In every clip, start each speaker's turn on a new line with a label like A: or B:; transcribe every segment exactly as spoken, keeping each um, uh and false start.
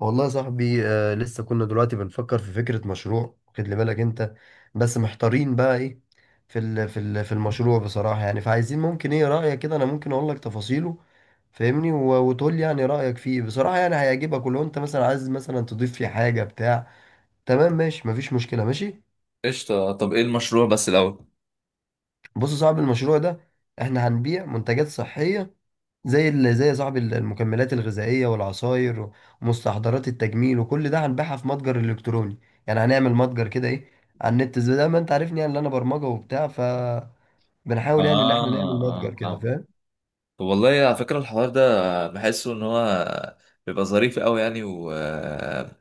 A: والله يا صاحبي آه لسه كنا دلوقتي بنفكر في فكرة مشروع، واخد لي بالك انت؟ بس محتارين بقى ايه في ال في ال في المشروع بصراحة، يعني فعايزين. ممكن ايه رأيك كده، انا ممكن اقول لك تفاصيله فاهمني و- وتقول لي يعني رأيك فيه بصراحة، يعني هيعجبك، ولو انت مثلا عايز مثلا تضيف فيه حاجة بتاع. تمام، ماشي، مفيش مشكلة، ماشي.
B: قشطة، طب ايه المشروع بس الأول؟
A: بص يا صاحبي، المشروع ده احنا هنبيع منتجات صحية، زي ال- زي يا صاحبي ال- المكملات الغذائية والعصاير و- ومستحضرات التجميل، وكل ده هنبيعها في متجر إلكتروني. يعني هنعمل متجر كده، إيه، على النت، زي ده ما أنت عارفني يعني، اللي أنا برمجة وبتاع، فبنحاول يعني إن
B: اه
A: إحنا نعمل متجر
B: اه
A: كده،
B: آه.
A: فاهم؟
B: طب والله على فكرة الحوار ده بحسه إن هو بيبقى ظريف أوي، يعني وبيبقى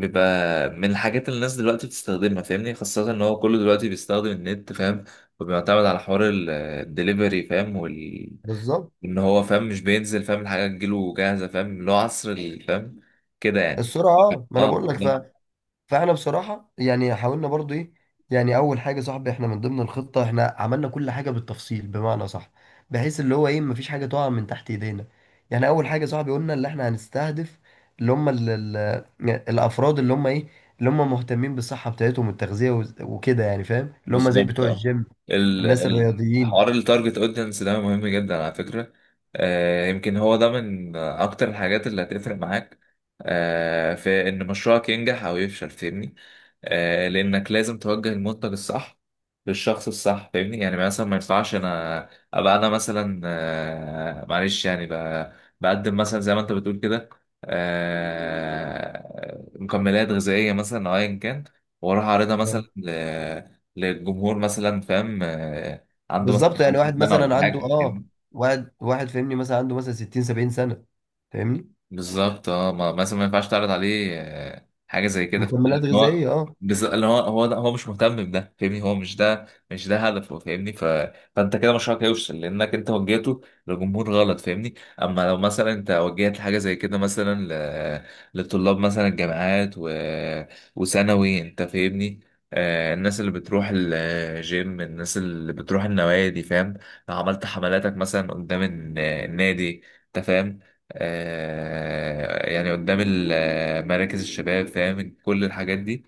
B: من الحاجات اللي الناس دلوقتي بتستخدمها، فاهمني؟ خاصة إن هو كله دلوقتي بيستخدم النت، فاهم؟ وبيعتمد على حوار ال- الدليفري، فاهم؟ وال...
A: بالظبط.
B: إن هو فاهم، مش بينزل، فاهم؟ الحاجة تجيله جاهزة، فاهم؟ اللي هو عصر ال- فاهم؟ كده يعني.
A: السرعة، آه، ما أنا
B: اه،
A: بقول لك.
B: بالظبط.
A: فاحنا بصراحة يعني حاولنا برضو ايه. يعني اول حاجة صاحبي، احنا من ضمن الخطة احنا عملنا كل حاجة بالتفصيل، بمعنى صح، بحيث اللي هو ايه مفيش حاجة تقع من تحت ايدينا. يعني اول حاجة صاحبي، قلنا اللي احنا هنستهدف اللي هم ال ال الافراد اللي هم ايه، اللي هم مهتمين بالصحة بتاعتهم والتغذية وز- وكده يعني، فاهم، اللي هم زي
B: بالظبط.
A: بتوع
B: اه.
A: الجيم،
B: ال
A: الناس
B: ال-
A: الرياضيين.
B: حوار التارجت اودينس ده مهم جدا على فكرة. آه، يمكن هو ده من اكتر الحاجات اللي هتفرق معاك، آه، في ان مشروعك ينجح او يفشل، فاهمني؟ آه، لانك لازم توجه المنتج الصح للشخص الصح، فاهمني؟ يعني مثلا ما ينفعش انا ابقى انا مثلا آه، معلش يعني ب- بقدم مثلا زي ما انت بتقول كده، آه، مكملات غذائية مثلا او ايا كان، واروح اعرضها مثلا
A: آه.
B: للجمهور مثلا، فاهم؟ آه، عنده مثلا
A: بالظبط، يعني
B: خمسين
A: واحد
B: سنة
A: مثلا
B: ولا
A: عنده
B: حاجة.
A: اه، واحد واحد فاهمني، مثلا عنده مثلا ستين سبعين سنة، فاهمني،
B: بالظبط، اه، ما مثلا ما ينفعش تعرض عليه آه، حاجه زي كده،
A: مكملات
B: فاهمني؟ إن هو
A: غذائية، اه.
B: بز... اللي هو هو ده، هو مش مهتم بده، فاهمني؟ هو مش ده، مش ده هدفه، فاهمني؟ ف... فانت كده مشروعك هيفشل لانك انت وجهته لجمهور غلط، فاهمني؟ اما لو مثلا انت وجهت حاجه زي كده، مثلا ل... لطلاب مثلا الجامعات و وثانوي انت، فاهمني؟ آه، الناس اللي بتروح الجيم، الناس اللي بتروح النوادي، فاهم؟ لو عملت حملاتك مثلا قدام الن- النادي انت، فاهم؟ آه، يعني قدام ال- آه، مراكز الشباب، فاهم؟ كل الحاجات دي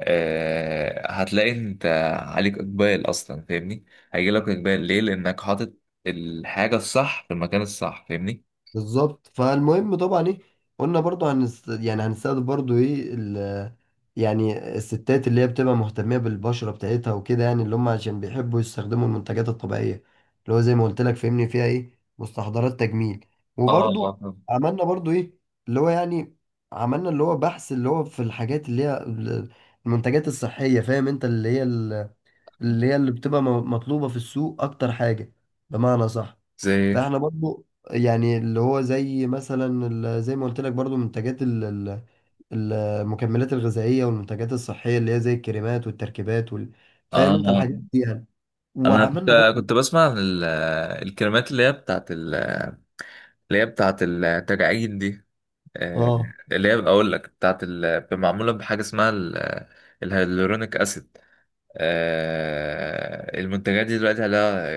B: آه، هتلاقي انت عليك اقبال اصلا، فاهمني؟ هيجي لك اقبال، ليه؟ لانك حاطط الحاجه الصح في المكان الصح، فاهمني؟
A: بالظبط. فالمهم طبعا ايه، قلنا برضو هنست... يعني هنستخدم برضو ايه، ال... يعني الستات اللي هي بتبقى مهتمية بالبشرة بتاعتها، وكده يعني اللي هم عشان بيحبوا يستخدموا المنتجات الطبيعية، اللي هو زي ما قلت لك فهمني، فيها ايه، مستحضرات تجميل،
B: اه اه
A: وبرضو
B: آه.
A: عملنا برضو ايه، اللي هو يعني عملنا اللي هو بحث، اللي هو في الحاجات اللي هي ال- المنتجات الصحية، فاهم انت، اللي هي ال- اللي هي اللي بتبقى م- مطلوبة في السوق اكتر حاجة، بمعنى صح.
B: زي،
A: فاحنا برضو يعني اللي هو زي مثلا ال- زي ما قلت لك برضو، منتجات ال- ال- المكملات الغذائية والمنتجات الصحية اللي هي زي الكريمات والتركيبات، وال... فاهم انت
B: اه.
A: الحاجات دي يعني.
B: انا
A: وعملنا
B: كنت
A: برضو
B: كنت بسمع عن ال- الكلمات اللي هي بتاعت ال- اللي هي بتاعت التجاعيد دي، آه،
A: اه.
B: اللي هي اقول لك بتاعت ال- معموله بحاجه اسمها ال- الهيالورونيك اسيد. آه، المنتجات دي دلوقتي عليها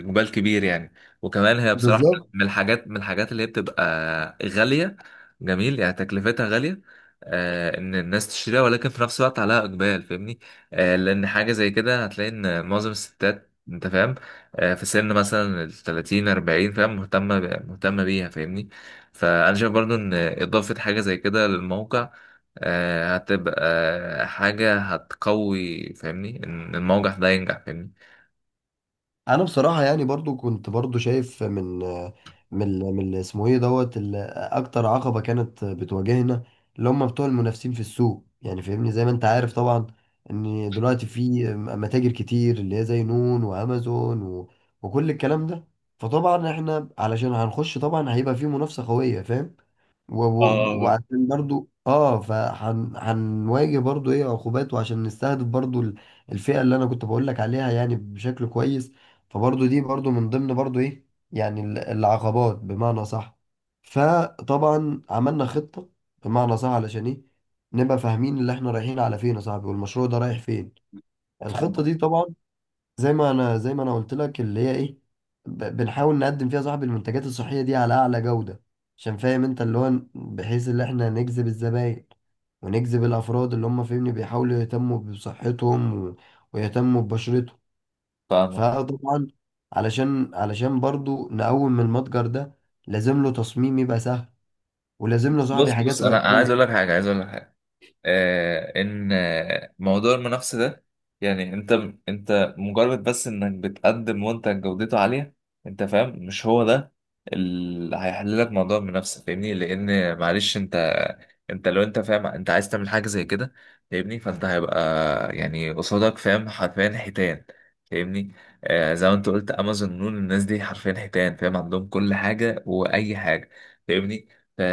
B: اقبال كبير يعني، وكمان هي بصراحه
A: بالظبط.
B: من الحاجات من الحاجات اللي هي بتبقى غاليه. جميل، يعني تكلفتها غاليه، آه، ان الناس تشتريها، ولكن في نفس الوقت عليها اقبال، فاهمني؟ آه، لان حاجه زي كده هتلاقي ان معظم الستات انت فاهم، آه، في سن مثلا ال ثلاثين أربعين فاهم، مهتمه ب- مهتمه بيها، فاهمني؟ فانا شايف برضو ان اضافه حاجه زي كده للموقع، آه، هتبقى حاجة هتقوي، فاهمني؟ إن الموقف ده ينجح، فاهمني؟
A: انا بصراحه يعني برضو كنت برضو شايف من من ال- من ال- اسمه ايه دوت ال- اكتر عقبه كانت بتواجهنا، اللي هم بتوع المنافسين في السوق يعني، فاهمني، زي ما انت عارف طبعا ان دلوقتي في متاجر كتير، اللي هي زي نون وامازون و... وكل الكلام ده. فطبعا احنا علشان هنخش طبعا هيبقى في منافسه قويه، فاهم، و... و...
B: اه.
A: وعشان برضو اه فهنواجه برضو ايه عقوبات، وعشان نستهدف برضو ال- الفئة اللي انا كنت بقول لك عليها يعني بشكل كويس. فبرضو دي برضو من ضمن برضو ايه، يعني ال- العقبات، بمعنى صح. فطبعا عملنا خطة، بمعنى صح، علشان ايه نبقى فاهمين اللي احنا رايحين على فين يا صاحبي، والمشروع ده رايح فين. الخطة
B: فاهمك،
A: دي طبعا زي ما انا زي ما انا قلت لك اللي هي ايه، ب- بنحاول نقدم فيها صاحب المنتجات الصحيه دي على اعلى جوده، عشان فاهم انت، اللي هو ن- بحيث ان احنا نجذب الزباين، ونجذب الافراد اللي هم فاهمني بيحاولوا يهتموا بصحتهم و- ويهتموا ببشرتهم.
B: فاهمك.
A: فطبعا علشان علشان برضو نقوم من المتجر ده لازم له تصميم يبقى سهل، ولازم له صاحبي
B: بص بص
A: حاجات
B: أنا أنا عايز أقول
A: رئيسيه.
B: لك حاجة، عايز أقول لك حاجة، آه، ان آه، موضوع المنافسه ده، يعني انت انت مجرد بس انك بتقدم منتج جودته عاليه، انت فاهم؟ مش هو ده اللي هيحل لك موضوع المنافسه، فاهمني؟ لان معلش انت، انت لو انت فاهم، انت عايز تعمل حاجه زي كده، فاهمني؟ فانت هيبقى يعني قصادك، فاهم، حرفيا حيتان، فاهمني؟ آه، زي ما انت قلت، امازون، نون، الناس دي حرفيا حيتان، فاهم؟ عندهم كل حاجه واي حاجه، فاهمني؟ فا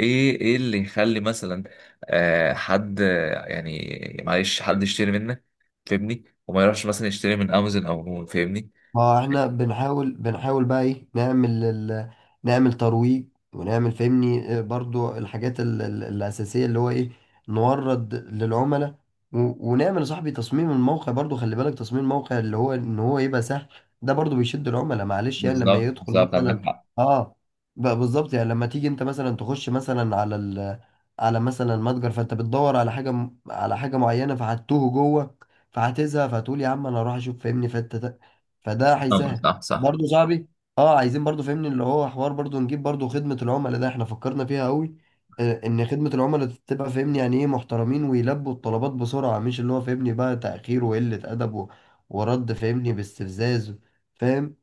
B: ايه ايه اللي يخلي مثلا آه، حد يعني معلش حد يشتري منك، فاهمني؟ وما يروحش مثلا يشتري من امازون او من، فاهمني؟
A: ما احنا بنحاول بنحاول بقى ايه نعمل ال... نعمل ترويج، ونعمل فهمني آه، برضو الحاجات ال... ال- الأساسية، اللي هو ايه نورد للعملاء، و... ونعمل يا صاحبي تصميم الموقع، برضو خلي بالك، تصميم الموقع اللي هو ان هو يبقى سهل، ده برضو بيشد العملاء، معلش يعني لما
B: بالظبط،
A: يدخل
B: بالظبط،
A: مثلا.
B: عندك حق.
A: اه. بقى بالظبط يعني لما تيجي انت مثلا تخش مثلا على ال... على مثلا متجر، فانت بتدور على حاجة م- على حاجة معينة فهتوه جوه، فهتزهق، فهتقول يا عم انا اروح اشوف، فهمني فانت، فده
B: طبعا،
A: هيسهل.
B: صح صح.
A: برضه صاحبي، اه، عايزين برضه فهمني اللي هو حوار، برضه نجيب برضه خدمة العملاء ده احنا فكرنا فيها قوي. آه، ان خدمة العملاء تبقى فاهمني يعني ايه محترمين، ويلبوا الطلبات بسرعة، مش اللي هو فاهمني بقى تأخير وقلة أدب و- ورد فاهمني باستفزاز، فاهم.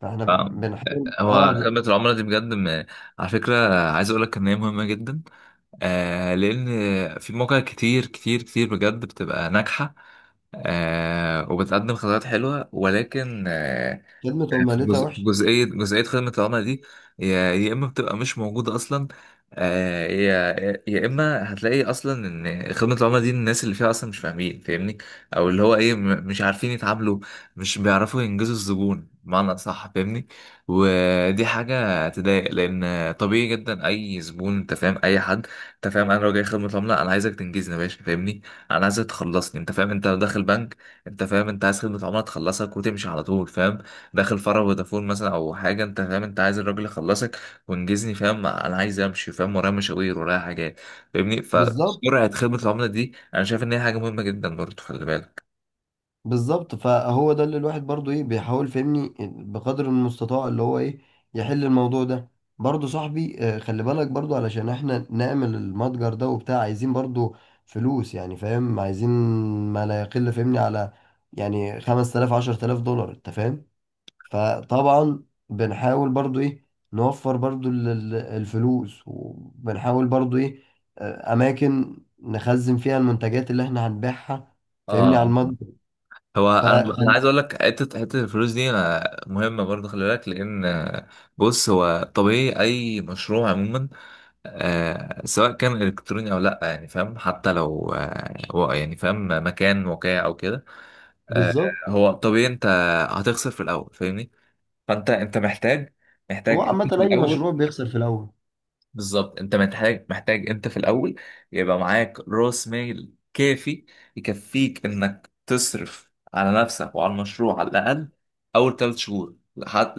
A: فاحنا
B: ف-
A: بن- بنحاول اه
B: هو
A: ب-
B: خدمة العملاء دي بجد م- على فكرة، عايز اقول لك ان هي مهمة جدا، آه، لان في مواقع كتير كتير كتير بجد بتبقى ناجحة، آه، وبتقدم خدمات حلوة، ولكن آه،
A: خدمة
B: في
A: عملتها
B: جزء-
A: وحش.
B: جزئية جزئية خدمة العملاء دي، يا يا إما بتبقى مش موجودة أصلا، آه، يا يا إما هتلاقي أصلا إن خدمة العملاء دي الناس اللي فيها أصلا مش فاهمين، فاهمني؟ أو اللي هو إيه م- مش عارفين يتعاملوا، مش بيعرفوا ينجزوا الزبون بمعنى صح، فاهمني؟ ودي حاجة تضايق، لأن طبيعي جدا أي زبون أنت فاهم، أي حد أنت فاهم، أنا لو جاي خدمة عملاء أنا عايزك تنجزني يا باشا، فاهمني؟ أنا عايزك تخلصني، أنت فاهم، أنت لو داخل بنك، أنت فاهم، أنت عايز خدمة عملاء تخلصك وتمشي على طول، فاهم؟ داخل فرع فودافون مثلا او حاجه، انت فاهم، انت عايز الراجل يخلصك وانجزني، فاهم؟ انا عايز امشي، فاهم؟ ورايا مشاوير ورايا حاجات، فاهمني؟
A: بالظبط،
B: فسرعه خدمه العملاء دي انا شايف ان هي حاجه مهمه جدا برضه، خلي بالك.
A: بالظبط، فهو ده اللي الواحد برضو ايه بيحاول فهمني بقدر المستطاع اللي هو ايه يحل الموضوع ده. برضو صاحبي آه، خلي بالك برضو علشان احنا نعمل المتجر ده وبتاع، عايزين برضو فلوس يعني، فاهم، عايزين ما لا يقل فهمني على يعني خمس آلاف عشرة آلاف دولار، انت فاهم. فطبعا بنحاول برضو ايه نوفر برضو ال- ال- الفلوس، وبنحاول برضو ايه آه، اماكن نخزن فيها المنتجات اللي احنا هنبيعها، فاهمني، على
B: اه.
A: المتجر.
B: هو انا، انا
A: فخلي.
B: عايز اقول لك حته حته الفلوس دي أنا مهمه برضه، خلي بالك، لان آه، بص، هو طبيعي اي مشروع عموما آه، سواء كان الكتروني او لا، يعني فاهم؟ حتى لو آه، هو يعني فاهم، مكان وقع او كده، آه،
A: بالظبط.
B: هو طبيعي انت هتخسر في الاول، فاهمني؟ فانت، انت محتاج،
A: هو
B: محتاج
A: عامة
B: في
A: أي
B: الاول.
A: مشروع بيخسر في الأول.
B: بالظبط، انت محتاج، محتاج انت في الاول يبقى معاك راس مال كافي، يكفيك انك تصرف على نفسك وعلى المشروع، على الاقل اول ثلاث شهور، لحد،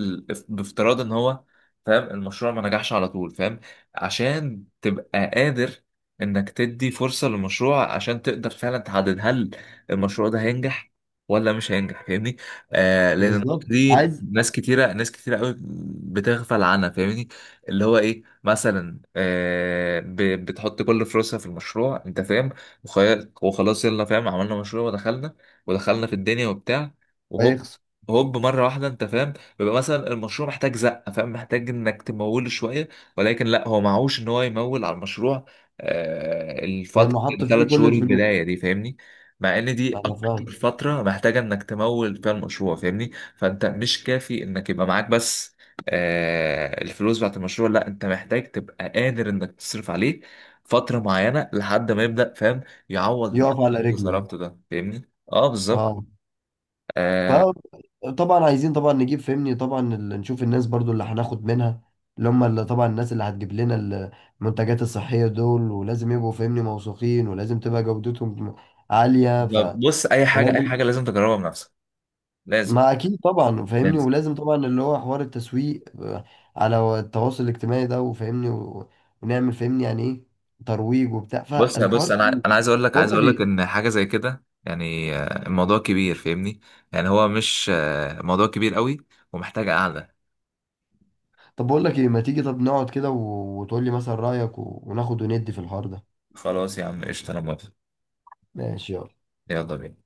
B: بافتراض ان هو فاهم المشروع ما نجحش على طول، فاهم؟ عشان تبقى قادر انك تدي فرصة للمشروع، عشان تقدر فعلا تحدد هل المشروع ده هينجح ولا مش هينجح، فاهمني؟ آه، لان النقطة
A: بالظبط.
B: دي،
A: عايز.
B: ناس كتيرة، ناس كتيرة قوي بتغفل عنها، فاهمني؟ اللي هو ايه مثلا، آه، ب- بتحط كل فلوسها في المشروع انت فاهم، وخي- وخلاص يلا، فاهم؟ عملنا مشروع ودخلنا، ودخلنا في الدنيا وبتاع، وهوب،
A: هيخسر
B: هوب، مره واحده انت فاهم، بيبقى مثلا المشروع محتاج زقه، فاهم؟ محتاج انك تموله شويه، ولكن لا، هو معهوش ان هو يمول على المشروع، آه، الفتره
A: لأنه حط
B: الثلاث
A: فيه كل
B: شهور
A: الفلوس.
B: البدايه دي، فاهمني؟ مع ان دي
A: أنا
B: اكتر
A: فاهم.
B: فتره محتاجه انك تمول فيها المشروع، فاهمني؟ فانت مش كافي انك يبقى معاك بس آه، الفلوس بتاعت المشروع، لا، انت محتاج تبقى قادر انك تصرف عليه فترة معينة لحد ما يبدأ، فاهم؟ يعوض الدخل
A: يقف
B: اللي
A: على
B: انت
A: رجله يعني.
B: صرفته ده، فاهمني؟ اه، بالظبط.
A: أه.
B: آه.
A: فطبعا عايزين طبعا نجيب فهمني طبعا ال- نشوف الناس برضو اللي هناخد منها، اللي هم اللي طبعا الناس اللي هتجيب لنا المنتجات الصحية دول، ولازم يبقوا فهمني موثوقين، ولازم تبقى جودتهم عالية. ف،
B: طب بص، اي حاجة، اي حاجة
A: ولازم،
B: لازم تجربها بنفسك، لازم،
A: ما اكيد طبعا فاهمني،
B: لازم.
A: ولازم طبعا اللي هو حوار التسويق آه، على التواصل الاجتماعي ده، وفاهمني و... ونعمل فاهمني يعني ايه ترويج وبتاع،
B: بص، يا
A: فالحوار
B: بص انا،
A: كبير.
B: انا عايز اقول لك،
A: بقول
B: عايز
A: لك
B: اقول لك
A: ايه،
B: ان حاجة زي كده يعني آه، الموضوع كبير، فاهمني؟ يعني هو مش آه، موضوع كبير قوي، ومحتاج قعدة.
A: طب بقول لك ايه، ما تيجي طب نقعد كده و... وتقول لي مثلا رأيك و... وناخد وندي في الحوار ده.
B: خلاص يا عم، قشطة، انا موافق.
A: ماشي، يلا.
B: يلا بينا.